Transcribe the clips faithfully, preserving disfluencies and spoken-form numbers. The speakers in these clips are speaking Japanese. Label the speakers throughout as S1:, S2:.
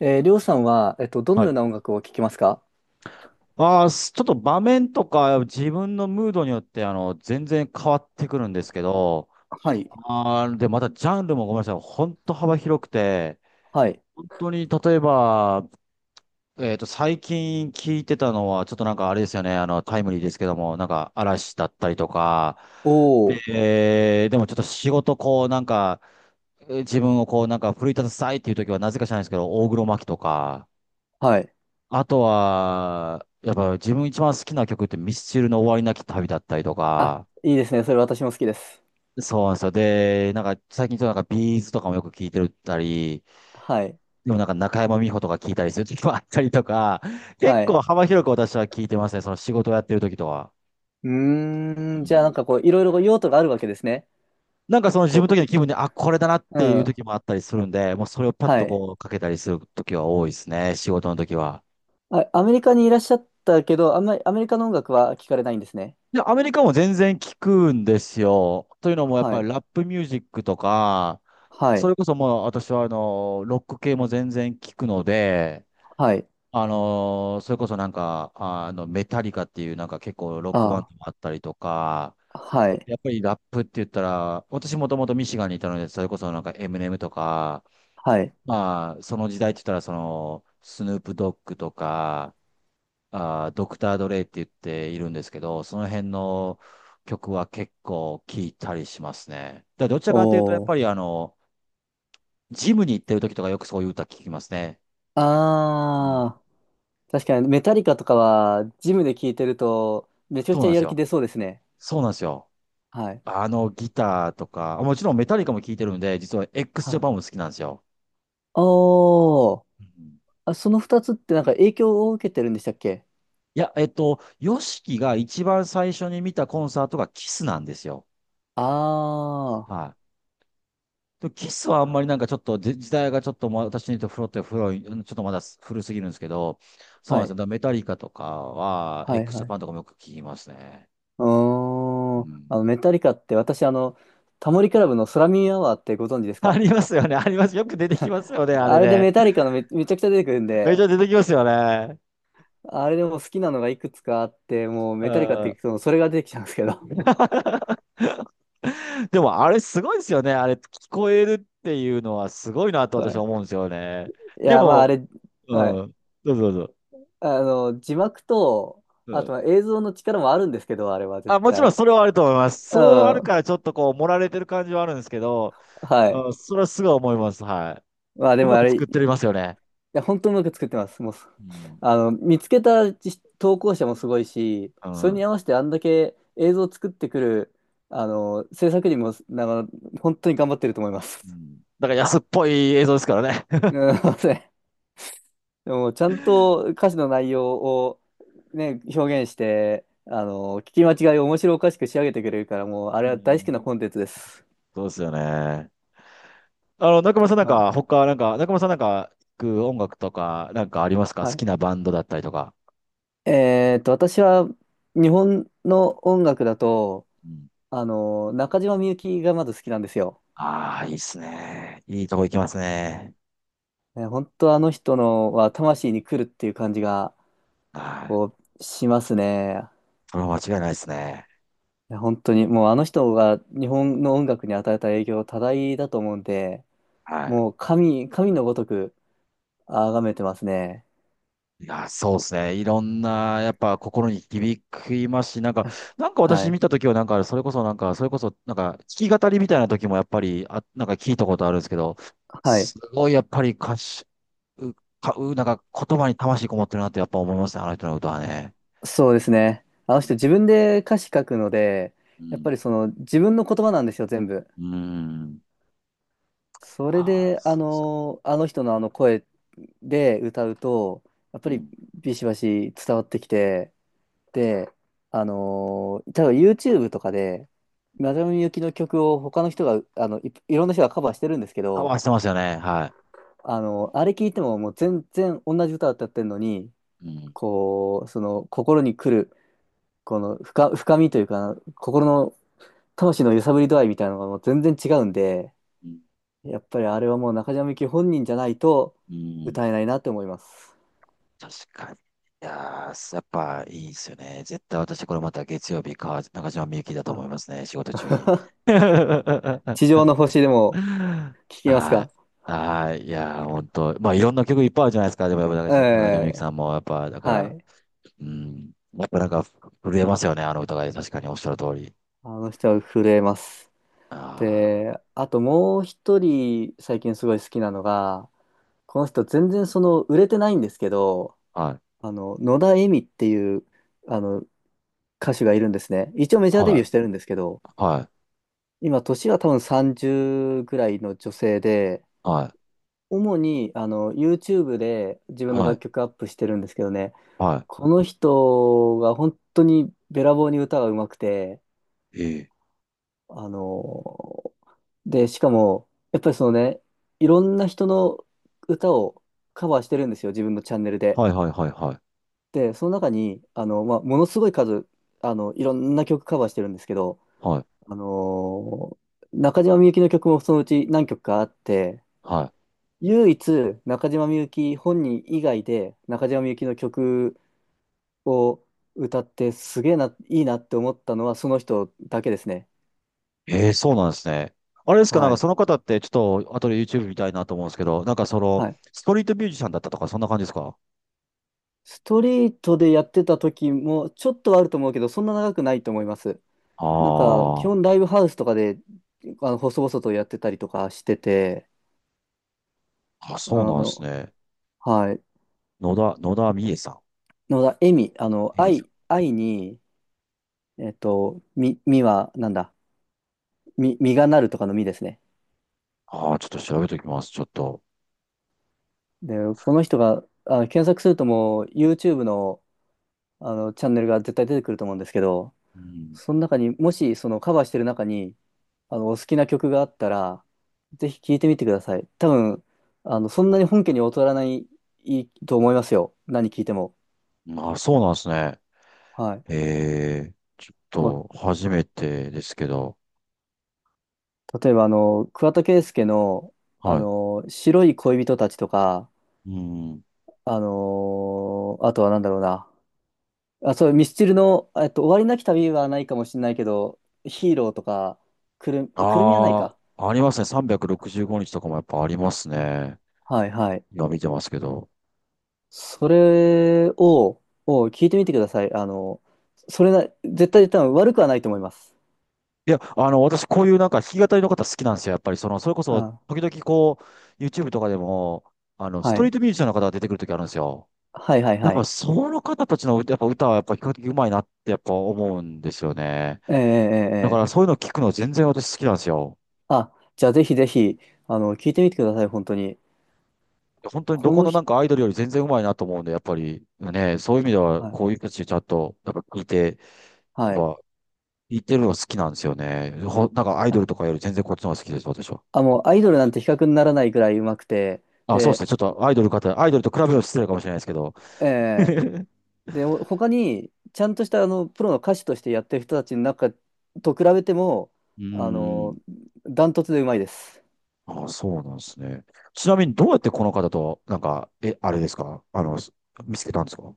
S1: えー、りょうさんは、えっと、どの
S2: は
S1: よう
S2: い。
S1: な音楽を聴きますか？
S2: ああ、すちょっと場面とか自分のムードによってあの全然変わってくるんですけど、
S1: はい。
S2: あーで、またジャンルもごめんなさい、本当幅広くて、
S1: はい。
S2: 本当に例えば、えっと、最近聞いてたのは、ちょっとなんかあれですよね、あの、タイムリーですけども、なんか嵐だったりとか、
S1: おー、
S2: で、でもちょっと仕事こうなんか、えー自分をこうなんか奮い立たせたいっていう時はなぜか知らないですけど、大黒摩季とか、
S1: はい。
S2: あとは、やっぱ自分一番好きな曲ってミスチルの終わりなき旅だったりと
S1: あ、
S2: か、
S1: いいですね。それ私も好きです。
S2: そうなんですよ。で、なんか最近ちょっとなんかビーズとかもよく聞いてるったり、
S1: はい。
S2: でもなんか中山美穂とか聞いたりする時もあったりとか、
S1: は
S2: 結構
S1: い。
S2: 幅広く私は聞いてますね。その仕事をやってる時とは。
S1: うーん、
S2: う
S1: じゃあなん
S2: ん。
S1: かこう、いろいろ用途があるわけですね。
S2: なんかその自分の時
S1: こ
S2: の気分で、あ、これだなっ
S1: う、う
S2: ていう
S1: ん。
S2: 時もあったりするんで、もうそれをパッ
S1: は
S2: と
S1: い。
S2: こうかけたりする時は多いですね。仕事の時は。
S1: あ、アメリカにいらっしゃったけど、あんまりアメリカの音楽は聞かれないんですね。
S2: いや、アメリカも全然聞くんですよ。というのも、やっ
S1: は
S2: ぱり
S1: い。
S2: ラップミュージックとか、
S1: は
S2: そ
S1: い。
S2: れこそもう私はあの、ロック系も全然聞くので、
S1: はい。
S2: あの、それこそなんか、あの、メタリカっていうなんか結構ロックバン
S1: あ
S2: ドもあったりとか、
S1: あ、はい。
S2: やっぱりラップって言ったら、私もともとミシガンにいたので、それこそなんか エムアンドエム とか、
S1: はい。
S2: まあ、その時代って言ったらその、スヌープドッグとか、あー、ドクター・ドレイって言っているんですけど、その辺の曲は結構聴いたりしますね。だどちらかというと、やっ
S1: お
S2: ぱり
S1: ー。
S2: あの、ジムに行ってる時とかよくそういう歌聴きますね。うん、
S1: あー、確かにメタリカとかは、ジムで聴いてると、めちゃく
S2: そう
S1: ちゃ
S2: なんで
S1: や
S2: す
S1: る気
S2: よ。
S1: 出そうですね。
S2: そうなんですよ。
S1: はい。
S2: あの、ギターとか、もちろんメタリカも聴いてるんで、実は エックスジャパン
S1: あ
S2: も好きなんですよ。
S1: あー、
S2: うん。
S1: あ、その二つってなんか影響を受けてるんでしたっけ？
S2: いや、えっと、ヨシキが一番最初に見たコンサートがキスなんですよ。
S1: ああ
S2: はい。でキスはあんまりなんかちょっと時時代がちょっとま私にとフロって古い、うんちょっとまだ古すぎるんですけど、
S1: ー、
S2: そうな
S1: は
S2: んですよ。
S1: い、
S2: だからメタリカとかは、エ
S1: はい、
S2: クスジ
S1: は
S2: ャ
S1: い。
S2: パンとかもよく聞きますね。
S1: うー
S2: う
S1: ん。
S2: ん。
S1: あの、メタリカって私、あの、タモリクラブの空耳アワーってご存知です
S2: あ
S1: か？
S2: りますよね。あります。よく出てきます よね。あ
S1: あ
S2: れ
S1: れで
S2: ね。
S1: メタリカのめ、めちゃくちゃ出てくるん
S2: めっち
S1: で、
S2: ゃ出てきますよね。
S1: あれでもう好きなのがいくつかあって、もう
S2: う
S1: メタリカって
S2: ん。
S1: 聞くとそれが出てきちゃうんですけど。
S2: でもあれすごいですよね。あれ聞こえるっていうのはすごいな と
S1: は
S2: 私は思う
S1: い。
S2: んですよね。
S1: い
S2: で
S1: や、まああ
S2: も、
S1: れ、
S2: う
S1: はい。
S2: ん。どうぞどうぞ。
S1: あの、字幕と、
S2: う
S1: あ
S2: ん。
S1: とは映像の力もあるんですけど、あれは
S2: あ、
S1: 絶
S2: もちろん
S1: 対。
S2: それはあると思います。
S1: う
S2: そうある
S1: ん。
S2: からちょっとこう、盛られてる感じはあるんですけど、
S1: はい。
S2: うん、それはすごい思います。はい。
S1: まあで
S2: う
S1: も
S2: ま
S1: あ
S2: く
S1: れ、
S2: 作ってますよね。
S1: や、本当にうまく作ってます。もう、
S2: うん。
S1: あの、見つけたじ投稿者もすごいし、
S2: う
S1: それ
S2: ん。う
S1: に合わせてあんだけ映像を作ってくる、あの、制作人も、なんか、本当に頑張ってると思います。
S2: ん。だから安っぽい映像ですからね。
S1: うん、すいません。でも、ちゃんと歌詞の内容を、ね、表現して、あの、聞き間違いを面白おかしく仕上げてくれるから、もう、あ
S2: う
S1: れは大好き
S2: ん。
S1: なコン テンツです。
S2: そうですよね。あの、中村さんなん
S1: あ、
S2: か、他、なんか、中村さんなんか、聞く音楽とか、なんかありますか？
S1: は
S2: 好
S1: い。
S2: きなバンドだったりとか。
S1: えーっと、私は、日本の音楽だと、
S2: うん。
S1: あの、中島みゆきがまず好きなんですよ。
S2: ああ、いいっすね。いいとこ行きますね。
S1: ね、本当あの人のは魂に来るっていう感じが、
S2: はい。
S1: こう、しますね。
S2: それは間違いないですね。
S1: いや本当に、もうあの人が日本の音楽に与えた影響は多大だと思うんで、
S2: はい。
S1: もう神、神のごとく崇めてますね。
S2: いや、そうですね。いろんな、やっぱ心に響きますし、なん か、
S1: あ、
S2: なんか
S1: は
S2: 私見
S1: い。
S2: たときは、なんか、それこそ、なんか、それこそ、なんか、弾き語りみたいな時も、やっぱり、あ、なんか聞いたことあるんですけど、
S1: はい。
S2: すごい、やっぱり歌詞、う、か、う、なんか、言葉に魂こもってるなって、やっぱ思いますね、あの人の歌は
S1: あ、
S2: ね。
S1: そうですね。あの人自分で歌詞書くので、
S2: う
S1: やっぱ
S2: ん。
S1: りその自分の言葉なんですよ、全部。
S2: うん。
S1: それ
S2: あ
S1: で、あ
S2: あ、
S1: の、あの人のあの声で歌うと、やっ
S2: う
S1: ぱり
S2: ん。
S1: ビシバシ伝わってきて、で、あのー、例えば YouTube とかで、村上由紀の曲を他の人が、あの、い、いろんな人がカバーしてるんですけ
S2: パ
S1: ど、
S2: ワーしてますよね。は
S1: あの、あれ聞いてももう全然同じ歌を歌ってるのに、
S2: い。うん。
S1: こう、その心に来る、この深、深みというか、心の魂の揺さぶり度合いみたいなのがもう全然違うんで、
S2: うん。
S1: やっぱりあれはもう中島みゆき本人じゃないと
S2: うん
S1: 歌えないなって思います。
S2: 確かに。いやー、やっぱいいですよね。絶対私これまた月曜日か、中島みゆきだと思い
S1: あ。
S2: ますね。仕事中に。は
S1: 地上の星でも聞
S2: い。
S1: きますか？
S2: はい。いやー、本当。まあ、いろんな曲いっぱいあるじゃないですか。でもやっぱ中
S1: え
S2: 島中島みゆき
S1: え、
S2: さんも、やっぱ、だか
S1: は
S2: ら、
S1: い。
S2: うん。やっぱなんか震えますよね。あの歌が確かにおっしゃる通り。
S1: あの人は震えます。
S2: あ
S1: で、あともう一人最近すごい好きなのが、この人全然その売れてないんですけど、
S2: あ。はい。
S1: あの、野田恵美っていうあの歌手がいるんですね。一応メジャーデビュー
S2: は
S1: してるんですけど、
S2: い。はい。
S1: 今年は多分さんじゅうぐらいの女性で、
S2: は
S1: 主にあの YouTube で自分
S2: い。
S1: の
S2: はい。
S1: 楽曲アップしてるんですけどね、
S2: は
S1: この人が本当にべらぼうに歌が上手くて、
S2: い。ええ。
S1: あのーで、しかも、やっぱりそのね、いろんな人の歌をカバーしてるんですよ、自分のチャンネルで。
S2: はいはいはいはい。
S1: で、その中に、あの、まあ、ものすごい数、あの、いろんな曲カバーしてるんですけど、
S2: はい。
S1: あのー中島みゆきの曲もそのうち何曲かあって、
S2: はい。
S1: 唯一中島みゆき本人以外で中島みゆきの曲を歌ってすげえな、いいなって思ったのはその人だけですね。
S2: ええ、そうなんですね。あれですか、なん
S1: は
S2: か
S1: い。
S2: その方って、ちょっと、後で YouTube 見たいなと思うんですけど、なんかその、
S1: はい。
S2: ストリートミュージシャンだったとか、そんな感じですか？
S1: ストリートでやってた時もちょっとはあると思うけど、そんな長くないと思います。なんか、基
S2: ああ
S1: 本ライブハウスとかで、あの、細々とやってたりとかしてて、
S2: ー、あ、そう
S1: あ
S2: なんです
S1: の、
S2: ね。
S1: はい。
S2: 野田、野田美恵さ
S1: のだ、エミ、あの、
S2: ん。恵美さ
S1: 愛、
S2: ん。
S1: 愛に、えっと、み、みは、なんだ、み、実がなるとかのみですね。
S2: ああ、ちょっと調べておきます、ちょっと。
S1: で、この人が、あの、検索するともう、YouTube の、あの、チャンネルが絶対出てくると思うんですけど、
S2: うん。
S1: その中に、もし、そのカバーしてる中に、あの、お好きな曲があったら、ぜひ聴いてみてください。多分、あの、そんなに本家に劣らない、いいと思いますよ。何聴いても。
S2: まあ、そうなんですね。
S1: はい。
S2: ええ、ちょっ
S1: も
S2: と、初めてですけど。
S1: う、例えば、あの、桑田佳祐の、あ
S2: はい。
S1: の、白い恋人たちとか、
S2: うん。
S1: あのあとは何だろうな。あ、そう、ミスチルの、えっと、終わりなき旅はないかもしれないけど、ヒーローとか、くる、くるみはない
S2: あ
S1: か。
S2: あ、ありますね。さんびゃくろくじゅうごにちとかもやっぱあります
S1: あ、
S2: ね。
S1: はいはい。
S2: 今見てますけど。
S1: それを、を聞いてみてください。あの、それな、絶対多分悪くはないと思います。
S2: いや、あの、私、こういうなんか弾き語りの方好きなんですよ。やっぱり、その、それこ
S1: う
S2: そ、
S1: ん。
S2: 時々こう、YouTube とかでも、あの、ス
S1: は
S2: トリー
S1: い。
S2: トミュージシャンの方が出てくる時あるんですよ。
S1: はいはい
S2: やっ
S1: は
S2: ぱ、
S1: い。
S2: その方たちの、やっぱ歌は、やっぱ比較的うまいなって、やっぱ思うんですよね。
S1: ええええ
S2: だか
S1: え
S2: ら、そ
S1: え。
S2: ういうの聞くの全然私好きなんですよ。
S1: あ、じゃあぜひぜひ、あの、聞いてみてください、本当に。
S2: 本当にど
S1: こ
S2: こ
S1: の
S2: のな
S1: 人、
S2: んかアイドルより全然うまいなと思うんで、やっぱり、ね、そういう意味では、
S1: はい。
S2: こういう人たちちゃんと、やっぱ聞いて、やっ
S1: は
S2: ぱ、
S1: い。
S2: 聞いてるのが好きなんですよね。ほ、なんかアイドル
S1: あ、
S2: とかより全然こっちの方が好きです、私は。
S1: あもうアイドルなんて比較にならないぐらい上手くて、
S2: あ、そうです
S1: で、
S2: ね。ちょっとアイドル方、アイドルと比べるの失礼かもしれないですけど、
S1: ええ、 で、ほ他に、ちゃんとしたあの、プロの歌手としてやってる人たちの中と比べても、
S2: うー
S1: あの、
S2: ん。
S1: ダントツで上手いです。
S2: あ、そうなんですね。ちなみにどうやってこの方と、なんか、え、あれですかあの、す見つけたんですか？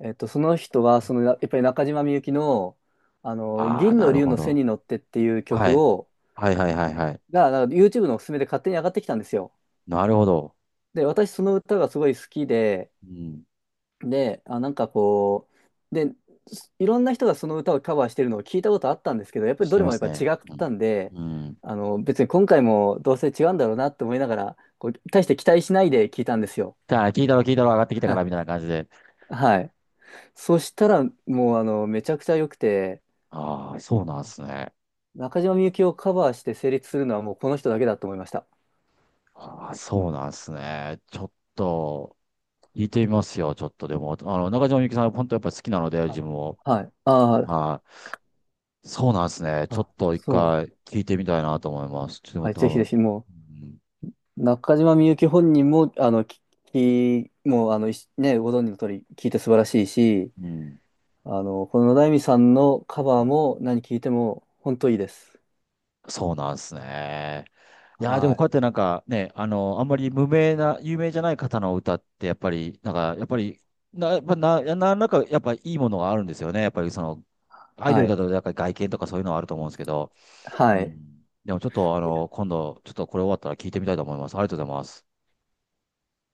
S1: えっと、その人は、その、やっぱり中島みゆきの、あの、
S2: ああー、
S1: 銀
S2: な
S1: の
S2: る
S1: 龍
S2: ほ
S1: の背
S2: ど。
S1: に乗ってっていう
S2: は
S1: 曲
S2: い。
S1: を、
S2: はいはいはいはい。
S1: が、なんか YouTube のおすすめで勝手に上がってきたんですよ。
S2: なるほど。
S1: で、私その歌がすごい好きで、
S2: うん。
S1: で、あ、なんかこう、で、いろんな人がその歌をカバーしてるのを聞いたことあったんですけど、やっぱり
S2: し
S1: ど
S2: て
S1: れ
S2: ま
S1: もやっ
S2: す
S1: ぱ
S2: ね。
S1: 違っ
S2: うん。
S1: たんで、
S2: うん。
S1: あの、別に今回もどうせ違うんだろうなって思いながら、こう、大して期待しないで聞いたんですよ。
S2: じゃあ、聞いたろ聞いたろ上がってきたか
S1: は、
S2: らみたいな感じで。
S1: はい。そしたら、もう、あの、めちゃくちゃ良くて、
S2: ああ、そうなんです
S1: あ、
S2: ね。
S1: 中島みゆきをカバーして成立するのはもうこの人だけだと思いました。
S2: ああ、そうなんですね。ちょっと、聞いてみますよ。ちょっとでも、あの、中島みゆきさん、本当やっぱ好きなので、
S1: は
S2: 自
S1: い。
S2: 分を。
S1: はい。あ
S2: はい。そうなんですね。
S1: あ、
S2: ちょっ
S1: あ、
S2: と一
S1: そう。
S2: 回聞いてみたいなと思います。ちょ
S1: は
S2: っ
S1: い。
S2: と
S1: ぜ
S2: 多
S1: ひぜひ、も
S2: 分、
S1: う、中島みゆき本人も、あの、き、きもう、あの、いしね、ご存知の通り、聞いて素晴らしいし、
S2: うん、うん
S1: あの、この野田恵美さんのカ
S2: う
S1: バー
S2: ん、
S1: も何聞いても、本当いいです。
S2: そうなんですね。いやー、で
S1: は
S2: もこ
S1: い。
S2: うやってなんかね、あの、あんまり無名な、有名じゃない方の歌って、やっぱり、なんか、やっぱり、な、やっぱな、ななんか、やっぱいいものがあるんですよね。やっぱりその、アイド
S1: は
S2: ルだ
S1: い。
S2: と、なんか外見とかそういうのはあると思うんですけど、う
S1: はい。
S2: ん。でもちょっと、あの、今度、ちょっとこれ終わったら聞いてみたいと思います。ありがとうございます。